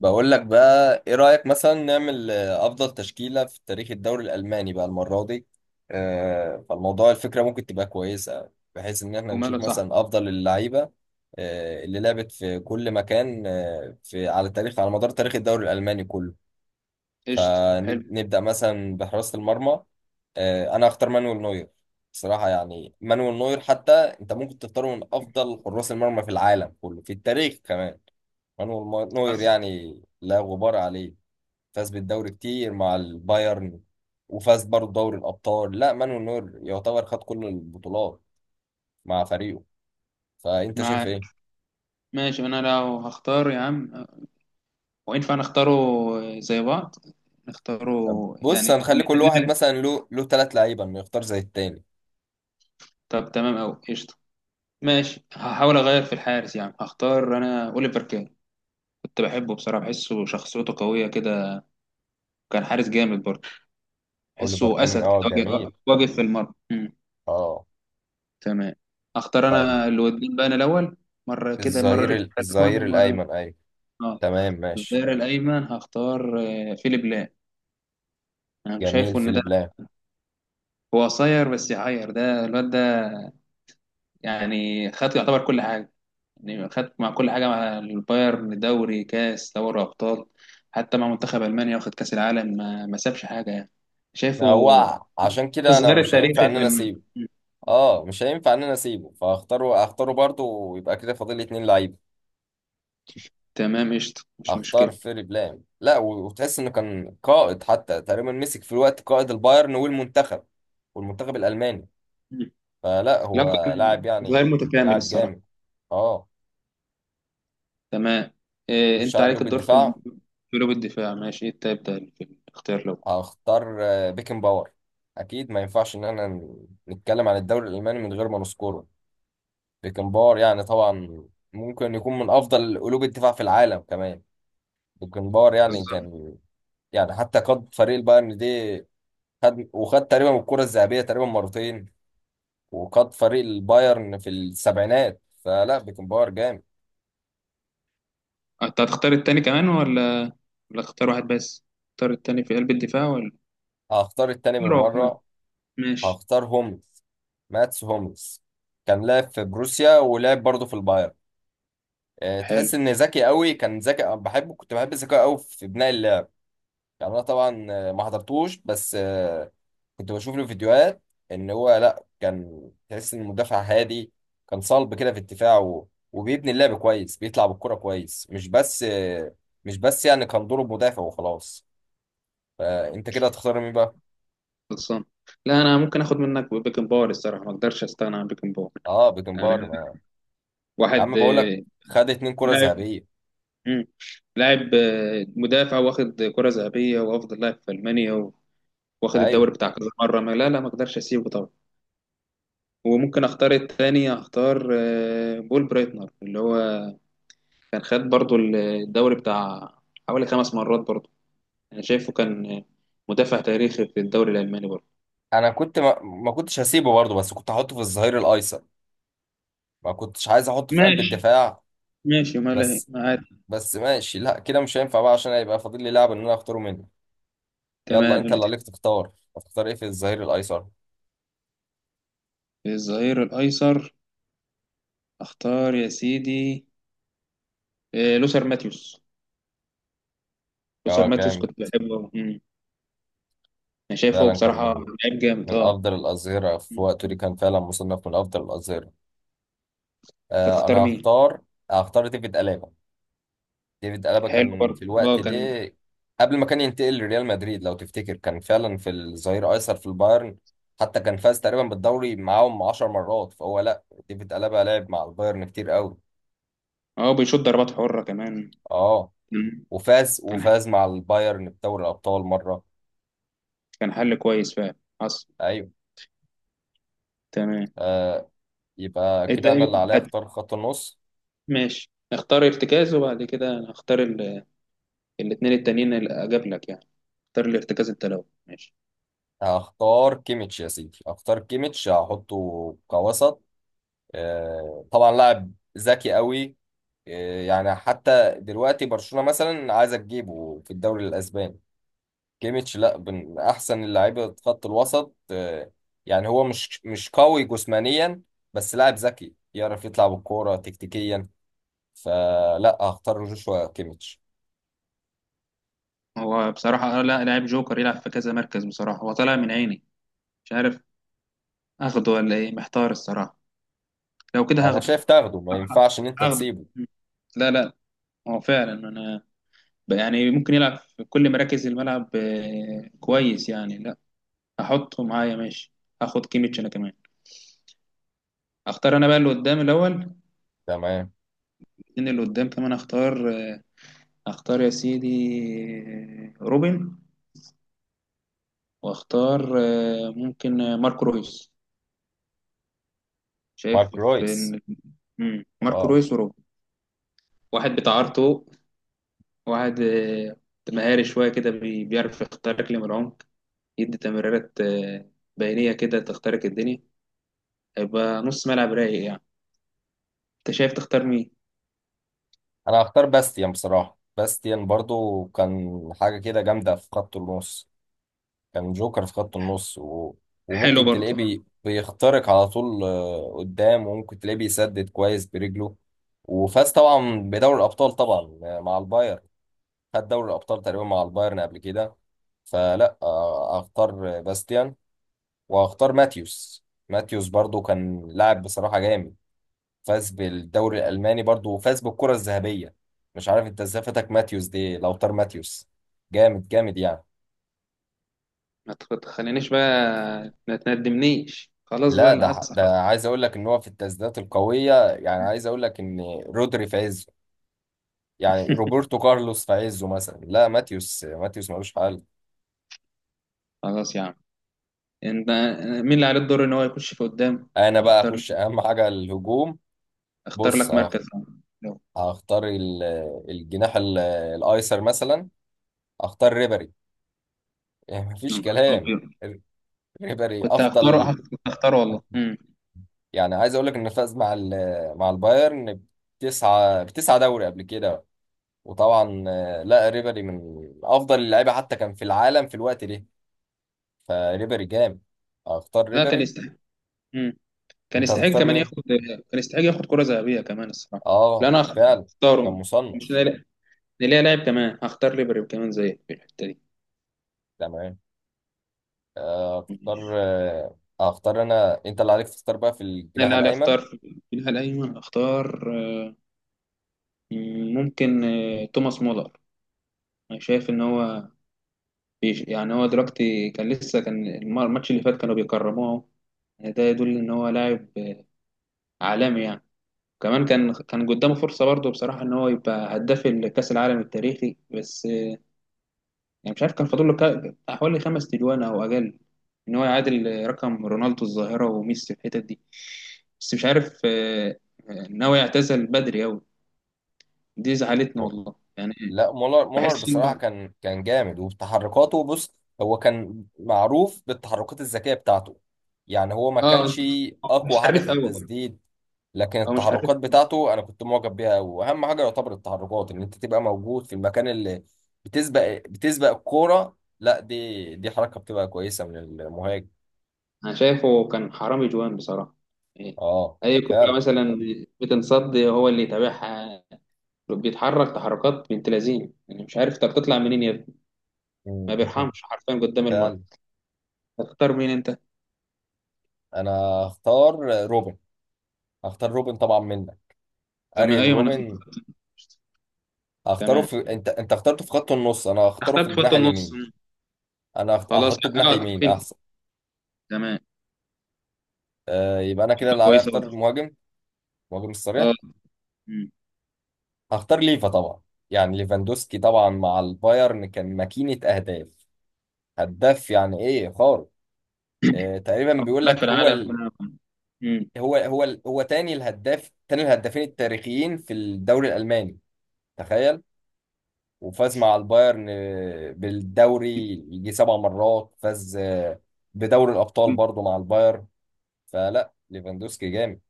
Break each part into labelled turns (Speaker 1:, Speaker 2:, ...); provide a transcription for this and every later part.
Speaker 1: بقول لك بقى ايه رأيك مثلا نعمل افضل تشكيلة في تاريخ الدوري الالماني بقى المرة دي. فالموضوع الفكرة ممكن تبقى كويسة بحيث ان احنا
Speaker 2: وماله
Speaker 1: نشوف
Speaker 2: صح.
Speaker 1: مثلا افضل اللعيبة اللي لعبت في كل مكان في على تاريخ على مدار تاريخ الدوري الالماني كله.
Speaker 2: قشطة، حلو.
Speaker 1: فنبدأ مثلا بحراسة المرمى. انا اختار مانويل نوير. بصراحة يعني مانويل نوير حتى انت ممكن تختاره من افضل حراس المرمى في العالم كله في التاريخ كمان. مانويل نوير
Speaker 2: حصل.
Speaker 1: يعني لا غبار عليه. فاز بالدوري كتير مع البايرن، وفاز برضه دوري الأبطال. لا، مانويل نوير يعتبر خد كل البطولات مع فريقه. فأنت شايف
Speaker 2: معاك.
Speaker 1: إيه؟
Speaker 2: ماشي، انا لو هختار يا عم وينفع نختاره زي بعض نختاره. يعني
Speaker 1: بص، هنخلي
Speaker 2: اللي
Speaker 1: كل واحد
Speaker 2: اللي-
Speaker 1: مثلا له ثلاث لعيبة إنه يختار زي التاني.
Speaker 2: طب تمام أوي قشطة. ماشي، هحاول اغير في الحارس يا عم، هختار انا اوليفر كان. كنت بحبه بصراحة، بحسه شخصيته قوية كده. كان حارس جامد برضه،
Speaker 1: أوليفر
Speaker 2: بحسه
Speaker 1: كان
Speaker 2: اسد كده.
Speaker 1: جميل.
Speaker 2: واقف واقف في المرمى.
Speaker 1: أه.
Speaker 2: تمام. اختار انا
Speaker 1: طيب،
Speaker 2: الودين بقى انا الاول، مرة كده مرة
Speaker 1: الظهير
Speaker 2: ليك أنت الأول
Speaker 1: الظهير
Speaker 2: ومرة.
Speaker 1: الأيمن، أيوه.
Speaker 2: اه.
Speaker 1: تمام، ماشي.
Speaker 2: الظهير الايمن هختار فيليب لام. انا مش
Speaker 1: جميل،
Speaker 2: شايفه ان ده،
Speaker 1: فيليب لام.
Speaker 2: هو قصير بس يعير ده الواد ده، يعني خد يعتبر كل حاجه، يعني خد مع كل حاجه مع البايرن دوري كاس دوري ابطال، حتى مع منتخب المانيا واخد كاس العالم، ما سابش حاجه يعني. شايفه؟
Speaker 1: هو عشان كده أنا
Speaker 2: الظهير
Speaker 1: مش هينفع
Speaker 2: التاريخي
Speaker 1: إن
Speaker 2: في
Speaker 1: أنا
Speaker 2: المانيا.
Speaker 1: أسيبه. مش هينفع إن أنا أسيبه، فهختاره. هختاره برضه، ويبقى كده فاضل لي اتنين لعيبة.
Speaker 2: تمام قشطه مش
Speaker 1: اختار
Speaker 2: مشكله.
Speaker 1: فيري بلام. لا وتحس انه كان قائد حتى. تقريبا مسك في الوقت قائد البايرن والمنتخب الالماني.
Speaker 2: مم.
Speaker 1: فلا
Speaker 2: لو
Speaker 1: هو
Speaker 2: كان
Speaker 1: لاعب
Speaker 2: ظهير
Speaker 1: يعني،
Speaker 2: متكامل
Speaker 1: لاعب
Speaker 2: الصراحه.
Speaker 1: جامد. اه.
Speaker 2: تمام. إيه
Speaker 1: خش
Speaker 2: انت
Speaker 1: على
Speaker 2: عليك
Speaker 1: قلوب
Speaker 2: الدور
Speaker 1: الدفاع.
Speaker 2: في قلوب الدفاع، ماشي، انت ابدا في الاختيار لو.
Speaker 1: هختار بيكن باور. اكيد ما ينفعش ان احنا نتكلم عن الدوري الالماني من غير ما نذكره. بيكن باور يعني طبعا ممكن يكون من افضل قلوب الدفاع في العالم كمان. بيكن باور يعني
Speaker 2: بالظبط.
Speaker 1: كان، يعني حتى قاد فريق البايرن دي. خد وخد تقريبا الكرة الذهبية تقريبا مرتين، وقاد فريق البايرن في السبعينات. فلا بيكنباور جامد.
Speaker 2: انت هتختار التاني كمان ولا اختار واحد بس، اختار التاني في قلب الدفاع ولا
Speaker 1: هختار التاني
Speaker 2: روح كمان.
Speaker 1: بالمرة.
Speaker 2: ماشي.
Speaker 1: هختار هوملز، ماتس هوملز. كان لاعب في بروسيا ولعب برضه في البايرن.
Speaker 2: حلو.
Speaker 1: تحس ان ذكي قوي. كان ذكي، أنا بحبه، كنت بحب ذكاءه قوي في بناء اللعب. يعني انا طبعا ما حضرتوش، بس كنت بشوف له فيديوهات. ان هو لا كان تحس ان مدافع هادي، كان صلب كده في الدفاع وبيبني اللعب كويس، بيطلع بالكرة كويس. مش بس يعني كان دوره مدافع وخلاص. فانت كده هتختار مين بقى؟
Speaker 2: خلصان. لا انا ممكن اخد منك بيكن باور الصراحه، ما اقدرش استغنى عن بيكن باور.
Speaker 1: اه.
Speaker 2: يعني
Speaker 1: بيكنبار ما... يا
Speaker 2: واحد
Speaker 1: عم بقول لك، خد اتنين كرة
Speaker 2: لاعب.
Speaker 1: ذهبية.
Speaker 2: مم. لاعب مدافع واخد كره ذهبيه وافضل لاعب في المانيا واخد
Speaker 1: ايوه.
Speaker 2: الدوري بتاع كذا مره، ما، لا لا، ما اقدرش اسيبه طبعا. وممكن اختار التاني، اختار بول برايتنر اللي هو كان خد برضو الدوري بتاع حوالي 5 مرات برضو. أنا شايفه كان مدافع تاريخي في الدوري الألماني برضه.
Speaker 1: انا كنت ما كنتش هسيبه برضه، بس كنت هحطه في الظهير الايسر. ما كنتش عايز احطه في قلب
Speaker 2: ماشي.
Speaker 1: الدفاع.
Speaker 2: ماشي ما له،
Speaker 1: بس
Speaker 2: معاك.
Speaker 1: بس ماشي. لا، كده مش هينفع بقى، عشان هيبقى فاضل لي لاعب ان انا اختاره منه. يلا
Speaker 2: تمام
Speaker 1: انت
Speaker 2: اللي
Speaker 1: اللي
Speaker 2: تحب.
Speaker 1: عليك تختار. هتختار ايه في الظهير الايسر؟
Speaker 2: الظهير الأيسر، أختار يا سيدي لوثر ماتيوس. لوثر
Speaker 1: اه،
Speaker 2: ماتيوس
Speaker 1: جامد.
Speaker 2: كنت بحبه. مم. أنا شايفه
Speaker 1: فعلا كان
Speaker 2: بصراحة،
Speaker 1: من
Speaker 2: لعيب جامد أه.
Speaker 1: افضل الاظهرة في وقته
Speaker 2: مم.
Speaker 1: دي. كان فعلا مصنف من افضل الاظهرة.
Speaker 2: أنت
Speaker 1: انا
Speaker 2: تختار مين؟
Speaker 1: هختار. ديفيد ألابا. ديفيد ألابا
Speaker 2: حلو
Speaker 1: كان في
Speaker 2: برضه
Speaker 1: الوقت
Speaker 2: أه
Speaker 1: ده،
Speaker 2: كان.
Speaker 1: قبل ما كان ينتقل لريال مدريد لو تفتكر، كان فعلا في الظهير أيسر في البايرن. حتى كان فاز تقريبا بالدوري معاهم 10 مرات. فهو لا، ديفيد ألابا لعب مع البايرن كتير قوي.
Speaker 2: أه بيشوط ضربات حرة كمان.
Speaker 1: اه.
Speaker 2: مم.
Speaker 1: وفاز
Speaker 2: كان
Speaker 1: وفاز مع البايرن بدوري الأبطال مرة.
Speaker 2: كان حل كويس فعلا. حصل.
Speaker 1: ايوه.
Speaker 2: تمام.
Speaker 1: آه يبقى كده انا اللي عليا
Speaker 2: حد
Speaker 1: اختار خط النص.
Speaker 2: ماشي، اختار ارتكاز وبعد كده أنا هختار الاتنين التانيين اللي أجاب لك يعني، اختار لارتكاز التلوي، ماشي.
Speaker 1: هختار كيميتش يا سيدي، هختار كيميتش، هحطه كوسط. طبعا لاعب ذكي قوي. إيه، يعني حتى دلوقتي برشلونة مثلا عايزة تجيبه في الدوري الأسباني. كيميتش لا من أحسن اللعيبة خط الوسط. يعني هو مش قوي جسمانيا، بس لاعب ذكي يعرف يطلع بالكورة تكتيكيا. فلا، هختار جوشوا كيميتش.
Speaker 2: هو بصراحة لا لاعب جوكر يلعب في كذا مركز بصراحة، هو طالع من عيني، مش عارف اخده ولا ايه، محتار الصراحة. لو كده
Speaker 1: أنا
Speaker 2: هاخده.
Speaker 1: شايف تاخده، ما
Speaker 2: ه-
Speaker 1: ينفعش إن أنت
Speaker 2: هاخده.
Speaker 1: تسيبه.
Speaker 2: م. لا لا، هو فعلا انا يعني ممكن يلعب في كل مراكز الملعب كويس يعني، لا هحطه معايا، ماشي. هاخد كيميتش انا كمان. اختار انا بقى اللي قدام الاول،
Speaker 1: تمام.
Speaker 2: ان اللي قدام كمان، اختار يا سيدي روبن. واختار ممكن ماركو رويس، شايف
Speaker 1: مارك
Speaker 2: في
Speaker 1: رويس،
Speaker 2: إن. مم. ماركو
Speaker 1: واو.
Speaker 2: رويس وروب، واحد بتاع ارتو، واحد مهاري شوية كده، بيعرف يخترق لي من العمق، يدي تمريرات بينية كده تخترق الدنيا، هيبقى نص ملعب رايق يعني. انت شايف تختار مين؟
Speaker 1: أنا هختار باستيان. بصراحة باستيان برضو كان حاجة كده جامدة في خط النص. كان جوكر في خط النص
Speaker 2: حلو
Speaker 1: وممكن تلاقيه
Speaker 2: برضه آه.
Speaker 1: بيخترق على طول، قدام، وممكن تلاقيه بيسدد كويس برجله. وفاز طبعا بدوري الأبطال طبعا، مع البايرن. خد دوري الأبطال تقريبا مع البايرن قبل كده. فلا أختار باستيان. وأختار ماتيوس. ماتيوس برضو كان لاعب بصراحة جامد، فاز بالدوري الألماني برضو وفاز بالكرة الذهبية. مش عارف انت ازاي فاتك ماتيوس دي. لو طار ماتيوس، جامد جامد يعني.
Speaker 2: ما تخلينيش بقى، ما تندمنيش، خلاص بقى
Speaker 1: لا
Speaker 2: اللي
Speaker 1: ده
Speaker 2: حصل.
Speaker 1: ده عايز اقول لك ان هو في التسديدات القويه. يعني عايز اقول لك ان رودري في عزه، يعني روبرتو كارلوس في عزه مثلا، لا، ماتيوس ماتيوس ملوش حل.
Speaker 2: خلاص يا عم، انت، مين اللي عليه الدور ان هو يخش في قدام
Speaker 1: انا
Speaker 2: إن هو
Speaker 1: بقى
Speaker 2: يختار؟
Speaker 1: اخش اهم حاجه، الهجوم.
Speaker 2: اختار
Speaker 1: بص
Speaker 2: لك مركز يا عم. يلا.
Speaker 1: هختار الجناح الايسر مثلا. اختار ريبري، يعني
Speaker 2: يا
Speaker 1: مفيش
Speaker 2: نهار
Speaker 1: كلام.
Speaker 2: أبيض.
Speaker 1: ر- ريبري
Speaker 2: كنت هختاره
Speaker 1: افضل.
Speaker 2: كنت هختاره والله.
Speaker 1: يعني عايز اقول لك انه فاز مع مع البايرن بتسعة بتسعة دوري قبل كده. وطبعا لا، ريبري من افضل اللعيبه حتى كان في العالم في الوقت ده. فريبري جامد، اختار
Speaker 2: لا كان
Speaker 1: ريبري.
Speaker 2: يستحق. مم. كان
Speaker 1: انت
Speaker 2: يستحق
Speaker 1: هتختار
Speaker 2: كمان
Speaker 1: مين؟
Speaker 2: ياخد، كان يستحق ياخد كرة ذهبية كمان الصراحة. لا
Speaker 1: اه،
Speaker 2: انا
Speaker 1: فعلا، كان
Speaker 2: هختاره. مش
Speaker 1: مصنف.
Speaker 2: نلاقي لاعب كمان، هختار ليبري كمان زي في الحتة دي.
Speaker 1: تمام.
Speaker 2: مم.
Speaker 1: اختار انا. انت اللي عليك تختار بقى في
Speaker 2: انا
Speaker 1: الجناح
Speaker 2: اللي علي
Speaker 1: الايمن.
Speaker 2: اختار في الناحية الايمن، اختار آه، ممكن توماس مولر. انا شايف ان هو بيش يعني، هو دلوقتي كان لسه كان الماتش اللي فات كانوا بيكرموه، ده يدل ان هو لاعب عالمي يعني. كمان كان قدامه فرصة برضه بصراحة ان هو يبقى هداف الكأس العالم التاريخي، بس يعني مش عارف كان فاضل له حوالي 5 تجوان او اقل، ان هو يعادل رقم رونالدو الظاهره وميسي في الحتت دي. بس مش عارف ناوي يعتزل بدري قوي. دي زعلتني
Speaker 1: هو-
Speaker 2: والله يعني.
Speaker 1: لا، مولر. مولر
Speaker 2: بحس
Speaker 1: بصراحة
Speaker 2: انه
Speaker 1: كان جامد، وتحركاته، بص، هو كان معروف بالتحركات الذكية بتاعته. يعني هو ما
Speaker 2: اه
Speaker 1: كانش
Speaker 2: مش
Speaker 1: اقوى حاجة
Speaker 2: حريف
Speaker 1: في
Speaker 2: قوي.
Speaker 1: التسديد، لكن
Speaker 2: هو مش حريف.
Speaker 1: التحركات بتاعته انا كنت معجب بيها قوي. واهم حاجه يعتبر التحركات، ان انت تبقى موجود في المكان اللي بتسبق الكوره. لا دي حركه بتبقى كويسه من المهاجم.
Speaker 2: انا شايفه كان حرامي جوان بصراحه يعني.
Speaker 1: اه،
Speaker 2: اي
Speaker 1: فعلا.
Speaker 2: كوره مثلا بتنصد هو اللي يتابعها، بيتحرك تحركات بنت لذينه، يعني مش عارف، طب تطلع منين يا ابني؟ ما
Speaker 1: مم.
Speaker 2: بيرحمش حرفيا قدام المرمى.
Speaker 1: فعلا.
Speaker 2: تختار مين انت؟
Speaker 1: انا هختار روبن. هختار روبن طبعا منك،
Speaker 2: زي ما،
Speaker 1: اريان
Speaker 2: ايوه، ما انا فاهم.
Speaker 1: روبن. هختاره
Speaker 2: تمام،
Speaker 1: انت اخترته في خط النص، انا هختاره في
Speaker 2: اخدت خط
Speaker 1: الجناح
Speaker 2: النص.
Speaker 1: اليمين.
Speaker 2: مم.
Speaker 1: انا
Speaker 2: خلاص
Speaker 1: هحطه جناح
Speaker 2: اه
Speaker 1: يمين
Speaker 2: تكفين.
Speaker 1: احسن.
Speaker 2: تمام
Speaker 1: يبقى انا كده اللي عليا
Speaker 2: كويسه
Speaker 1: اختار
Speaker 2: برضه.
Speaker 1: المهاجم، المهاجم
Speaker 2: اه.
Speaker 1: الصريح.
Speaker 2: مم.
Speaker 1: هختار ليفا طبعا. يعني ليفاندوسكي طبعا مع البايرن كان ماكينة أهداف، هداف يعني إيه خارق. تقريبا
Speaker 2: افضل
Speaker 1: بيقول
Speaker 2: لاعب
Speaker 1: لك
Speaker 2: في العالم بقى. مم.
Speaker 1: هو تاني الهدافين التاريخيين في الدوري الألماني، تخيل. وفاز مع البايرن بالدوري يجي 7 مرات. فاز بدوري الأبطال برضه مع البايرن. فلا ليفاندوسكي جامد.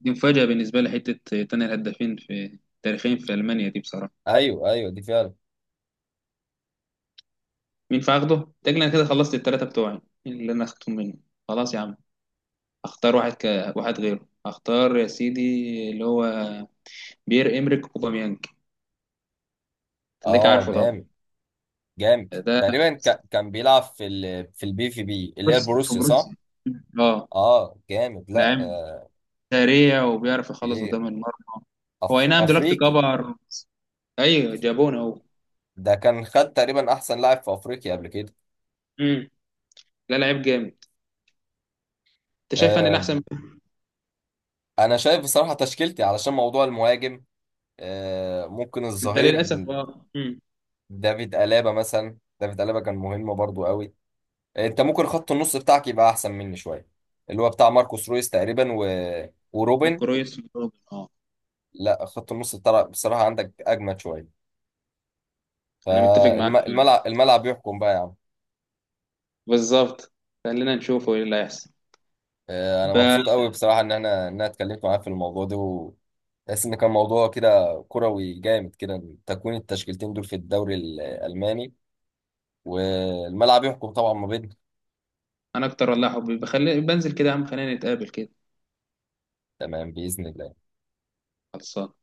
Speaker 2: دي مفاجاه بالنسبه لي حته، تاني الهدافين في تاريخين في المانيا دي بصراحه.
Speaker 1: أيوه، أيوه، دي فعلا.
Speaker 2: مين فاخده؟ تقريبا انا كده خلصت الثلاثه بتوعي اللي انا اخدتهم منه. خلاص يا عم. اختار واحد غيره، اختار يا سيدي، اللي هو بيير امريك اوباميانج. تلاقيك عارفه
Speaker 1: جامد.
Speaker 2: طبعا.
Speaker 1: جامد
Speaker 2: ده
Speaker 1: تقريبا. كان بيلعب في BVB، اللي هي
Speaker 2: بص، في
Speaker 1: البروسيا،
Speaker 2: بروسيا.
Speaker 1: صح؟
Speaker 2: اه.
Speaker 1: اه، جامد. لا،
Speaker 2: لاعب
Speaker 1: آه،
Speaker 2: سريع وبيعرف
Speaker 1: في
Speaker 2: يخلص
Speaker 1: ايه،
Speaker 2: قدام المرمى. هو اي نعم دلوقتي
Speaker 1: افريقي.
Speaker 2: كبر بس-. ايوه، جابونا اهو.
Speaker 1: ده كان خد تقريبا احسن لاعب في افريقيا قبل كده.
Speaker 2: امم. لا لعيب جامد. انت شايف انا
Speaker 1: آه
Speaker 2: الاحسن؟
Speaker 1: انا شايف بصراحة تشكيلتي، علشان موضوع المهاجم، ممكن
Speaker 2: انت
Speaker 1: الظهير،
Speaker 2: للاسف اه امم.
Speaker 1: دافيد ألابا مثلا، دافيد ألابا كان مهم برضو قوي. انت ممكن خط النص بتاعك يبقى احسن مني شوية، اللي هو بتاع ماركوس رويس تقريبا وروبن.
Speaker 2: ماركو رويس وجوردن. اه.
Speaker 1: لا، خط النص بصراحة عندك اجمد شوية.
Speaker 2: انا متفق معاك فيه.
Speaker 1: الملعب يحكم بقى يا عم.
Speaker 2: بالظبط. خلينا نشوفه ايه اللي هيحصل.
Speaker 1: انا
Speaker 2: ب-
Speaker 1: مبسوط قوي بصراحه ان انا اتكلمت معاك في الموضوع ده، بس ان كان موضوع كده كروي جامد، كده تكوين التشكيلتين دول في الدوري الالماني. والملعب يحكم طبعا ما بينهم.
Speaker 2: انا اكتر والله حبي بخلي بنزل كده يا عم، خلينا نتقابل كده.
Speaker 1: تمام، باذن الله.
Speaker 2: خلصان.